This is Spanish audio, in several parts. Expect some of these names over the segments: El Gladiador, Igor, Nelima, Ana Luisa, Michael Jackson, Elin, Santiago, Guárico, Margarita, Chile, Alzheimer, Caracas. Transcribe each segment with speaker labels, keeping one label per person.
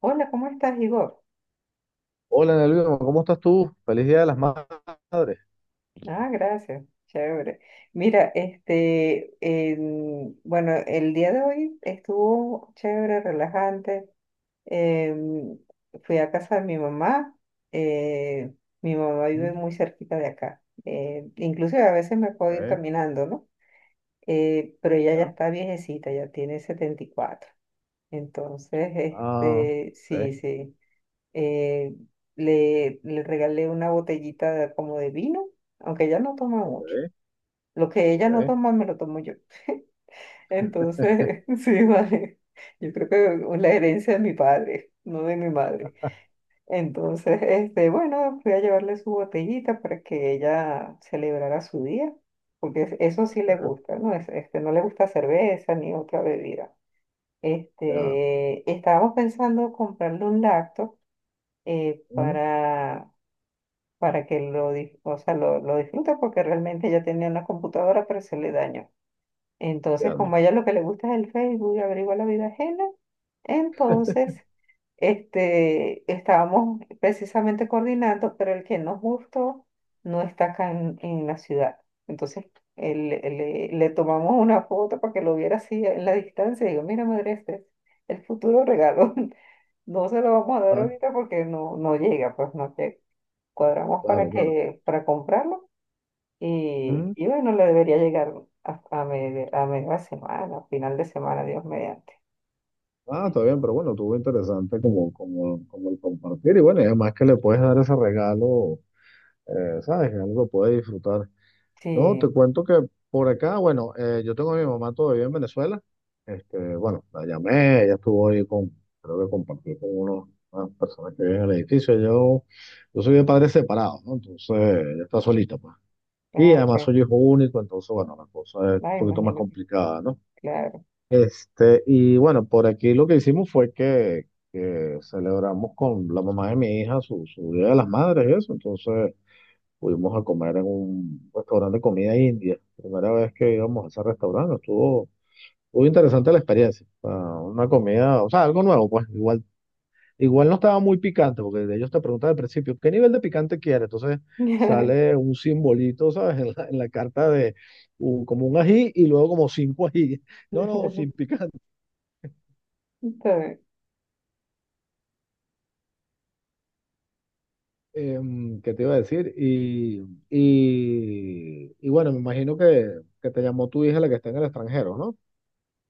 Speaker 1: Hola, ¿cómo estás, Igor?
Speaker 2: Hola, Ana Luisa, ¿cómo estás tú? Feliz Día de las Madres.
Speaker 1: Ah, gracias, chévere. Mira, bueno, el día de hoy estuvo chévere, relajante. Em, fui a casa de mi mamá. eh, Mi mamá vive
Speaker 2: Mm,
Speaker 1: muy cerquita de acá. Inclusive a veces me puedo ir
Speaker 2: ok,
Speaker 1: caminando, ¿no? Pero ella ya
Speaker 2: ya.
Speaker 1: está viejecita, ya tiene 74. Entonces,
Speaker 2: Ah,
Speaker 1: este, sí,
Speaker 2: ok,
Speaker 1: sí. eh, le le, regalé una botellita de- como de vino, aunque ella no toma
Speaker 2: ok,
Speaker 1: mucho. Lo que ella no
Speaker 2: ok,
Speaker 1: toma, me lo tomo yo. Entonces, sí, vale. Yo creo que es la herencia de mi padre, no de mi madre. Entonces, este, bueno, fui a llevarle su botellita para que ella celebrara su día, porque eso sí le
Speaker 2: ok,
Speaker 1: gusta, ¿no? Este, no le gusta cerveza ni otra bebida.
Speaker 2: ya.
Speaker 1: Este, estábamos pensando comprarle un lacto
Speaker 2: Mm,
Speaker 1: para que o sea, lo disfrute porque realmente ella tenía una computadora pero se le dañó. Entonces,
Speaker 2: ya no.
Speaker 1: como a ella lo que le gusta es el Facebook y averigua la vida ajena, entonces este, estábamos precisamente coordinando, pero el que nos gustó no está acá en la ciudad. Entonces le tomamos una foto para que lo viera así en la distancia. Digo, mira, madre, este es el futuro regalo. No se lo vamos a dar
Speaker 2: Ajá,
Speaker 1: ahorita porque no llega, pues no llega. Cuadramos
Speaker 2: claro,
Speaker 1: para
Speaker 2: claro.
Speaker 1: para comprarlo
Speaker 2: Mm,
Speaker 1: y bueno, le debería llegar a media semana, a final de semana, Dios mediante.
Speaker 2: ah,
Speaker 1: Sí,
Speaker 2: está bien, pero bueno, estuvo interesante como el compartir. Y bueno, y además que le puedes dar ese regalo, ¿sabes? Que algo que puedes disfrutar. No, te
Speaker 1: sí,
Speaker 2: cuento que por acá, bueno, yo tengo a mi mamá todavía en Venezuela. Este, bueno, la llamé, ella estuvo ahí con, creo que compartí con unas personas que viven en el edificio. Yo soy de padres separados, ¿no? Entonces, ella está solita, pues. Y
Speaker 1: ah,
Speaker 2: además
Speaker 1: ok.
Speaker 2: soy hijo único, entonces, bueno, la cosa es un
Speaker 1: Ah,
Speaker 2: poquito más
Speaker 1: imagínate,
Speaker 2: complicada, ¿no?
Speaker 1: claro.
Speaker 2: Este, y bueno, por aquí lo que hicimos fue que celebramos con la mamá de mi hija su Día de las Madres y eso. Entonces, fuimos a comer en un restaurante de comida india. Primera vez que íbamos a ese restaurante, estuvo muy interesante la experiencia. O sea, una comida, o sea, algo nuevo, pues igual, igual no estaba muy picante, porque de ellos te preguntan al principio, ¿qué nivel de picante quieres? Entonces sale un simbolito, ¿sabes? En la carta de como un ají y luego como cinco ají. No, no, sin picante.
Speaker 1: Está bien.
Speaker 2: ¿Qué te iba a decir? Y bueno, me imagino que te llamó tu hija la que está en el extranjero, ¿no?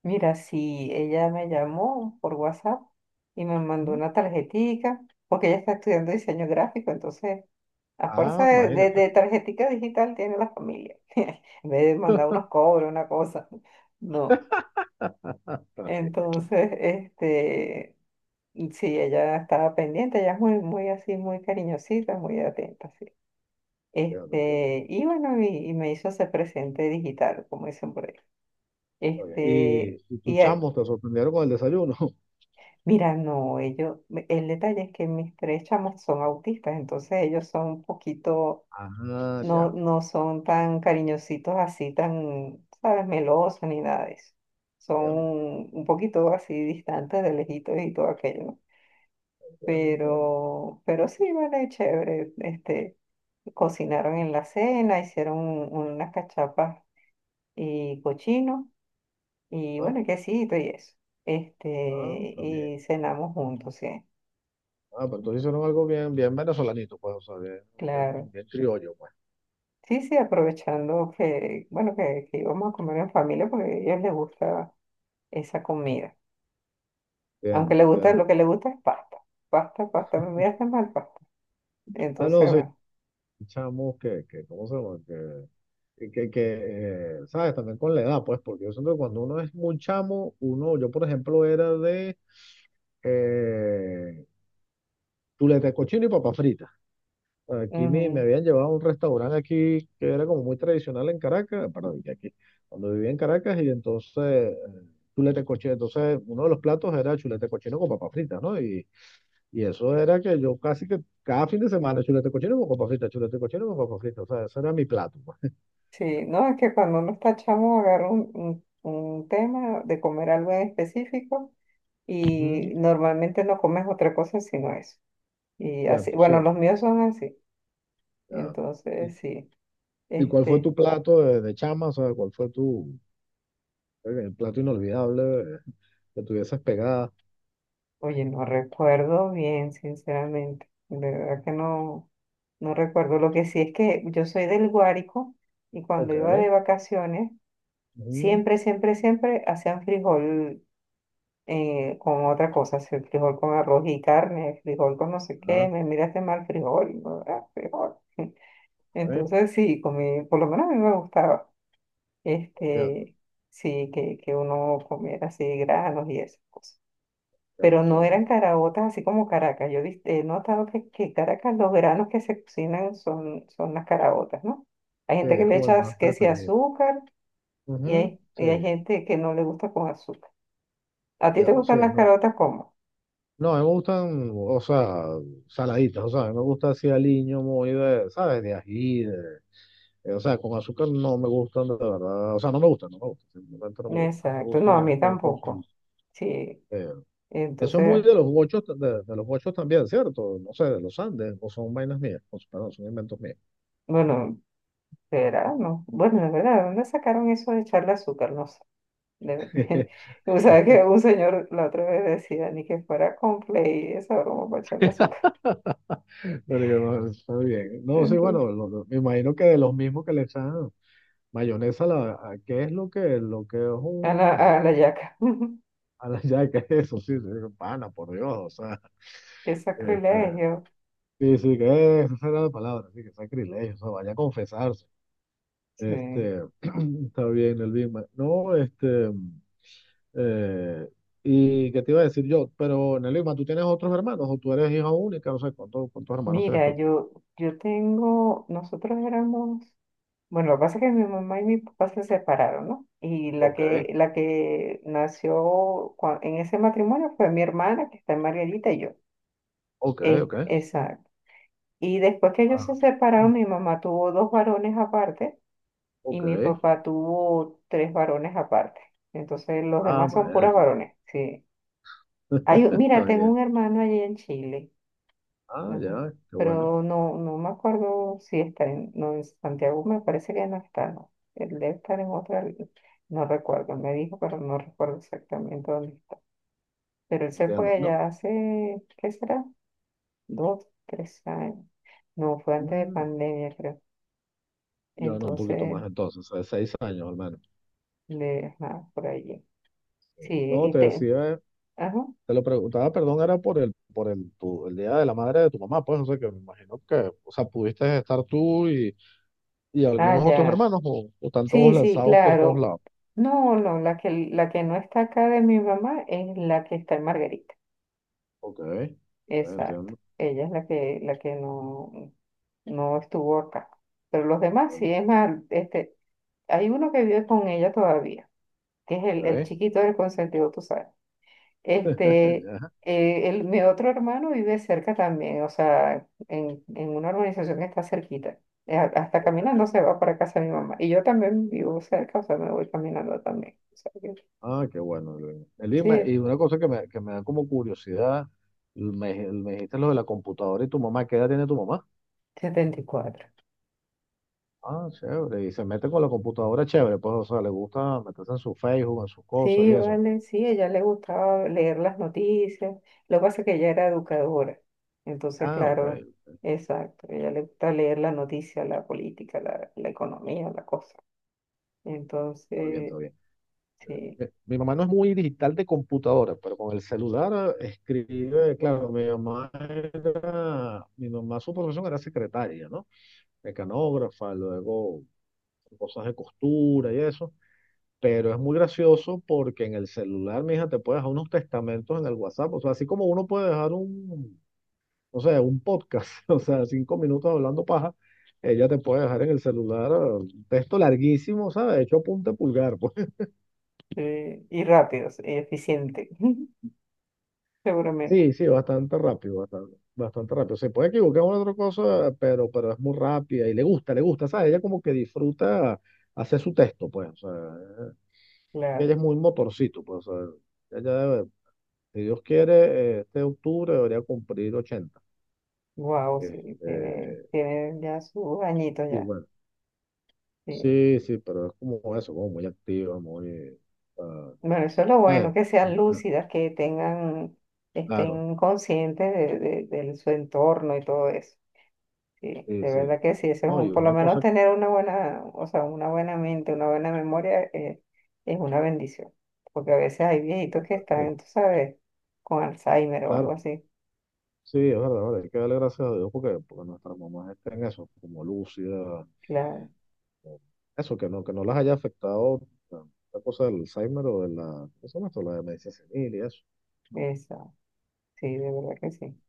Speaker 1: Mira, si ella me llamó por WhatsApp y me mandó
Speaker 2: ¿Mm?
Speaker 1: una tarjetica, porque ella está estudiando diseño gráfico, entonces a fuerza
Speaker 2: Ah, imagínate.
Speaker 1: de tarjetica digital tiene la familia. En vez de mandar unos cobros, una cosa. No.
Speaker 2: Está bien.
Speaker 1: Entonces, este, sí, ella estaba pendiente, ella es muy, muy así, muy cariñosita, muy atenta, sí.
Speaker 2: Entiendo, entiendo.
Speaker 1: Este, y bueno, y me hizo ese presente digital, como dicen por ahí.
Speaker 2: Está bien.
Speaker 1: Este,
Speaker 2: Y tus
Speaker 1: y
Speaker 2: chamos te sorprendieron con el desayuno.
Speaker 1: mira, no, ellos, el detalle es que mis tres chamos son autistas, entonces ellos son un poquito,
Speaker 2: Ah,
Speaker 1: no,
Speaker 2: ya.
Speaker 1: no son tan cariñositos así, tan, sabes, melosos ni nada de eso. Son
Speaker 2: Entiendo,
Speaker 1: un poquito así distantes de lejitos y todo aquello, ¿no?
Speaker 2: entiendo.
Speaker 1: Pero sí, vale, chévere. Este, cocinaron en la cena, hicieron unas cachapas y cochino, y
Speaker 2: Ah,
Speaker 1: bueno, y quesito y eso.
Speaker 2: ah,
Speaker 1: Este,
Speaker 2: está bien.
Speaker 1: y cenamos juntos, sí,
Speaker 2: Ah, pero entonces hicieron algo bien, bien venezolanito, pues, o sea,
Speaker 1: claro.
Speaker 2: bien criollo, pues.
Speaker 1: Sí, sí, aprovechando que, bueno, que íbamos a comer en familia porque a ellos les gusta esa comida. Aunque
Speaker 2: Entiendo,
Speaker 1: les gusta,
Speaker 2: entiendo.
Speaker 1: lo que les gusta es pasta. Pasta, pasta, me miraste mal, pasta.
Speaker 2: Ah,
Speaker 1: Entonces,
Speaker 2: no, sí, chamos ¿cómo se llama? Que, que, que, ¿Sabes? También con la edad, pues, porque yo siento que cuando uno es muy chamo, uno, yo, por ejemplo, era de eh, chuleta de cochino y papas fritas. Aquí me
Speaker 1: bueno.
Speaker 2: habían llevado a un restaurante aquí que era como muy tradicional en Caracas, perdón, y aquí, cuando vivía en Caracas, y entonces chuleta cochino, entonces uno de los platos era chuleta cochino con papas fritas, ¿no? Y eso era que yo casi que cada fin de semana chuleta cochino con papas fritas, chuleta cochino con papas fritas, o sea, ese era mi plato, pues.
Speaker 1: Sí, no, es que cuando uno está chamo agarra un tema de comer algo en específico
Speaker 2: Ujú.
Speaker 1: y normalmente no comes otra cosa sino eso. Y así,
Speaker 2: Cierto,
Speaker 1: bueno,
Speaker 2: cierto.
Speaker 1: los míos son así.
Speaker 2: Ya. ¿Y,
Speaker 1: Entonces, sí,
Speaker 2: y cuál fue
Speaker 1: este,
Speaker 2: tu plato de chama? O sea, ¿cuál fue tu el plato inolvidable eh, que tuvieses pegada?
Speaker 1: oye, no recuerdo bien, sinceramente. De verdad que no, no recuerdo. Lo que sí es que yo soy del Guárico y cuando
Speaker 2: Ok,
Speaker 1: iba de vacaciones,
Speaker 2: ujú,
Speaker 1: siempre, siempre, siempre hacían frijol con otra cosa, si el frijol con arroz y carne, frijol con no sé qué,
Speaker 2: ah,
Speaker 1: me miraste mal frijol, ¿no? Ah, frijol. Entonces sí, comí, por lo menos a mí me gustaba,
Speaker 2: ok.
Speaker 1: este, sí, que uno comiera así granos y esas cosas.
Speaker 2: Entiendo,
Speaker 1: Pero no
Speaker 2: entiendo.
Speaker 1: eran caraotas así como Caracas. Yo he notado que Caracas los granos que se cocinan son las caraotas, ¿no? Hay
Speaker 2: Sí,
Speaker 1: gente que
Speaker 2: es
Speaker 1: le
Speaker 2: como el
Speaker 1: echa
Speaker 2: más
Speaker 1: que si
Speaker 2: preferido.
Speaker 1: azúcar
Speaker 2: Ujú, sí,
Speaker 1: y hay gente que no le gusta con azúcar. ¿A ti te
Speaker 2: entiendo, sí,
Speaker 1: gustan
Speaker 2: es
Speaker 1: las
Speaker 2: verdad.
Speaker 1: caraotas cómo?
Speaker 2: No, a mí me gustan, o sea, saladitas, o sea, a mí me gusta así aliño muy de, ¿sabes? De ají, de, o sea, con azúcar no me gustan de verdad, o sea, no me gustan, no me gustan, simplemente no me gustan, me
Speaker 1: Exacto, no,
Speaker 2: gustan
Speaker 1: a
Speaker 2: es
Speaker 1: mí
Speaker 2: con,
Speaker 1: tampoco. Sí,
Speaker 2: eh, eso es muy
Speaker 1: entonces,
Speaker 2: de los gochos, de los gochos también, ¿cierto? No sé, de los Andes, o son vainas mías, o sea, perdón, son inventos míos.
Speaker 1: bueno, será, no. Bueno, de verdad, ¿de dónde sacaron eso de echarle azúcar? No sé. De- O sea, que un señor la otra vez decía, ni que fuera Complay, esa broma para echarle azúcar.
Speaker 2: Pero que, bueno, está bien. No, sí,
Speaker 1: Entonces,
Speaker 2: bueno, me imagino que de los mismos que le echan. Mayonesa, la, ¿qué es lo lo que es
Speaker 1: a la,
Speaker 2: un...
Speaker 1: a la yaca.
Speaker 2: A la ya, ¿qué es eso? Sí, sí, pana, por Dios, o sea,
Speaker 1: Qué
Speaker 2: este,
Speaker 1: sacrilegio.
Speaker 2: sí, sí, que es, esa era la palabra, sí, que sacrilegio, o sea, vaya a confesarse.
Speaker 1: Sí.
Speaker 2: Este, está bien, el Big Mac. No, este, eh, ¿y qué te iba a decir yo? Pero, Nelima, ¿tú tienes otros hermanos o tú eres hija única? No sé, ¿cuántos hermanos tienes
Speaker 1: Mira,
Speaker 2: tú?
Speaker 1: yo tengo, nosotros éramos bueno, lo que pasa es que mi mamá y mi papá se separaron, ¿no? Y la
Speaker 2: Ok,
Speaker 1: que, nació en ese matrimonio fue mi hermana, que está en Margarita, y yo.
Speaker 2: ok.
Speaker 1: Exacto. Y después que ellos se
Speaker 2: Ah,
Speaker 1: separaron, mi mamá tuvo dos varones aparte y mi
Speaker 2: ok.
Speaker 1: papá tuvo tres varones aparte. Entonces los
Speaker 2: Ah,
Speaker 1: demás son puras
Speaker 2: madre.
Speaker 1: varones, sí. Hay, mira,
Speaker 2: Está
Speaker 1: tengo un
Speaker 2: bien.
Speaker 1: hermano allí en Chile.
Speaker 2: Ah,
Speaker 1: Ajá.
Speaker 2: ya, qué bueno.
Speaker 1: Pero no, no me acuerdo si está en, no, en Santiago, me parece que no está, no. Él debe estar en otra, no recuerdo, me dijo, pero no recuerdo exactamente dónde está. Pero él se
Speaker 2: Entiendo.
Speaker 1: fue
Speaker 2: No.
Speaker 1: allá hace, ¿qué será? Dos, tres años. No, fue antes de
Speaker 2: Mm,
Speaker 1: pandemia, creo.
Speaker 2: ya no, un poquito
Speaker 1: Entonces,
Speaker 2: más entonces, o sea, seis años al menos.
Speaker 1: le, ajá, por allí.
Speaker 2: Sí.
Speaker 1: Sí,
Speaker 2: No,
Speaker 1: y
Speaker 2: te
Speaker 1: te,
Speaker 2: decía,
Speaker 1: ajá,
Speaker 2: te lo preguntaba, perdón, era por el, el día de la madre de tu mamá, pues, o sea, que me imagino que, o sea, pudiste estar tú y
Speaker 1: ah,
Speaker 2: algunos otros
Speaker 1: ya.
Speaker 2: hermanos, o están todos
Speaker 1: Sí, sí,
Speaker 2: lanzados por todos
Speaker 1: claro.
Speaker 2: lados.
Speaker 1: No, no, la que no está acá de mi mamá es la que está en Margarita.
Speaker 2: Ok, ok,
Speaker 1: Exacto.
Speaker 2: entiendo.
Speaker 1: Ella es la que no, no estuvo acá. Pero los demás
Speaker 2: Está
Speaker 1: sí,
Speaker 2: bien,
Speaker 1: es más, este, hay uno que vive con ella todavía, que es el
Speaker 2: ok,
Speaker 1: chiquito del consentido, tú sabes. Este,
Speaker 2: ya,
Speaker 1: mi otro hermano vive cerca también, o sea, en una organización que está cerquita. Hasta
Speaker 2: ok.
Speaker 1: caminando se va para casa de mi mamá. Y yo también vivo cerca, o sea, me voy caminando también. O sea que,
Speaker 2: Ah, qué bueno. Elin. Elin,
Speaker 1: sí,
Speaker 2: y una cosa que que me da como curiosidad, me dijiste lo de la computadora y tu mamá, ¿qué edad tiene tu mamá?
Speaker 1: 74.
Speaker 2: Ah, chévere. Y se mete con la computadora, chévere. Pues, o sea, le gusta meterse en su Facebook, en sus cosas
Speaker 1: Sí,
Speaker 2: y eso.
Speaker 1: vale, sí, a ella le gustaba leer las noticias. Lo que pasa es que ella era educadora. Entonces,
Speaker 2: Ah, ok.
Speaker 1: claro, exacto, a ella le gusta leer la noticia, la política, la economía, la cosa.
Speaker 2: Todo bien,
Speaker 1: Entonces,
Speaker 2: todo bien.
Speaker 1: sí,
Speaker 2: Mi mamá no es muy digital de computadora, pero con el celular escribe, claro, mi mamá era, mi mamá su profesión era secretaria, ¿no? Mecanógrafa, luego cosas de costura y eso. Pero es muy gracioso porque en el celular, mija, te puede dejar unos testamentos en el WhatsApp. O sea, así como uno puede dejar un, no sé, un podcast, o sea, cinco minutos hablando paja, ella te puede dejar en el celular un texto larguísimo, ¿sabes? Hecho a punta de pulgar, pues.
Speaker 1: y rápido, sí, eficiente, seguramente,
Speaker 2: Sí, sí, bastante rápido, bastante, bastante rápido. Se puede equivocar en una otra cosa, pero es muy rápida y le gusta, ¿sabes? Ella como que disfruta hacer su texto, pues, o sea, ella
Speaker 1: claro.
Speaker 2: es muy motorcito, pues, o sea, si Dios quiere, este octubre debería cumplir 80.
Speaker 1: Wow, sí, tiene,
Speaker 2: Este,
Speaker 1: tiene ya sus añitos
Speaker 2: y
Speaker 1: ya.
Speaker 2: bueno.
Speaker 1: Sí.
Speaker 2: Sí, sí, pero es como eso, como muy activa, muy... ah,
Speaker 1: Bueno, eso es lo
Speaker 2: ¿sabes?
Speaker 1: bueno, que sean lúcidas, que tengan,
Speaker 2: Claro,
Speaker 1: estén conscientes de su entorno y todo eso. Sí,
Speaker 2: sí,
Speaker 1: de
Speaker 2: sí.
Speaker 1: verdad que sí, eso es
Speaker 2: No, y
Speaker 1: un, por lo
Speaker 2: una
Speaker 1: menos
Speaker 2: cosa,
Speaker 1: tener una buena, o sea, una buena mente, una buena memoria es una bendición, porque a veces hay viejitos que
Speaker 2: sí,
Speaker 1: están, tú sabes, con Alzheimer o algo
Speaker 2: claro,
Speaker 1: así.
Speaker 2: sí, es verdad, vale, hay que darle gracias a Dios porque, porque nuestras mamás estén eso, como lúcidas,
Speaker 1: Claro,
Speaker 2: como- eso, que no las haya afectado la, la cosa del Alzheimer o de la, ¿qué se llama esto? La demencia senil y eso.
Speaker 1: eso, sí, de verdad que sí.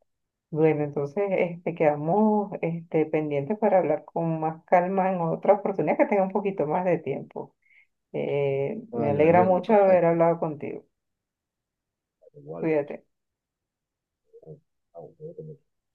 Speaker 1: Bueno, entonces este, quedamos este, pendientes para hablar con más calma en otra oportunidad que tenga un poquito más de tiempo. Me
Speaker 2: Vale, en el
Speaker 1: alegra
Speaker 2: bien,
Speaker 1: mucho haber
Speaker 2: perfecto,
Speaker 1: hablado contigo.
Speaker 2: vale, igual.
Speaker 1: Cuídate.
Speaker 2: eh, ah, bueno,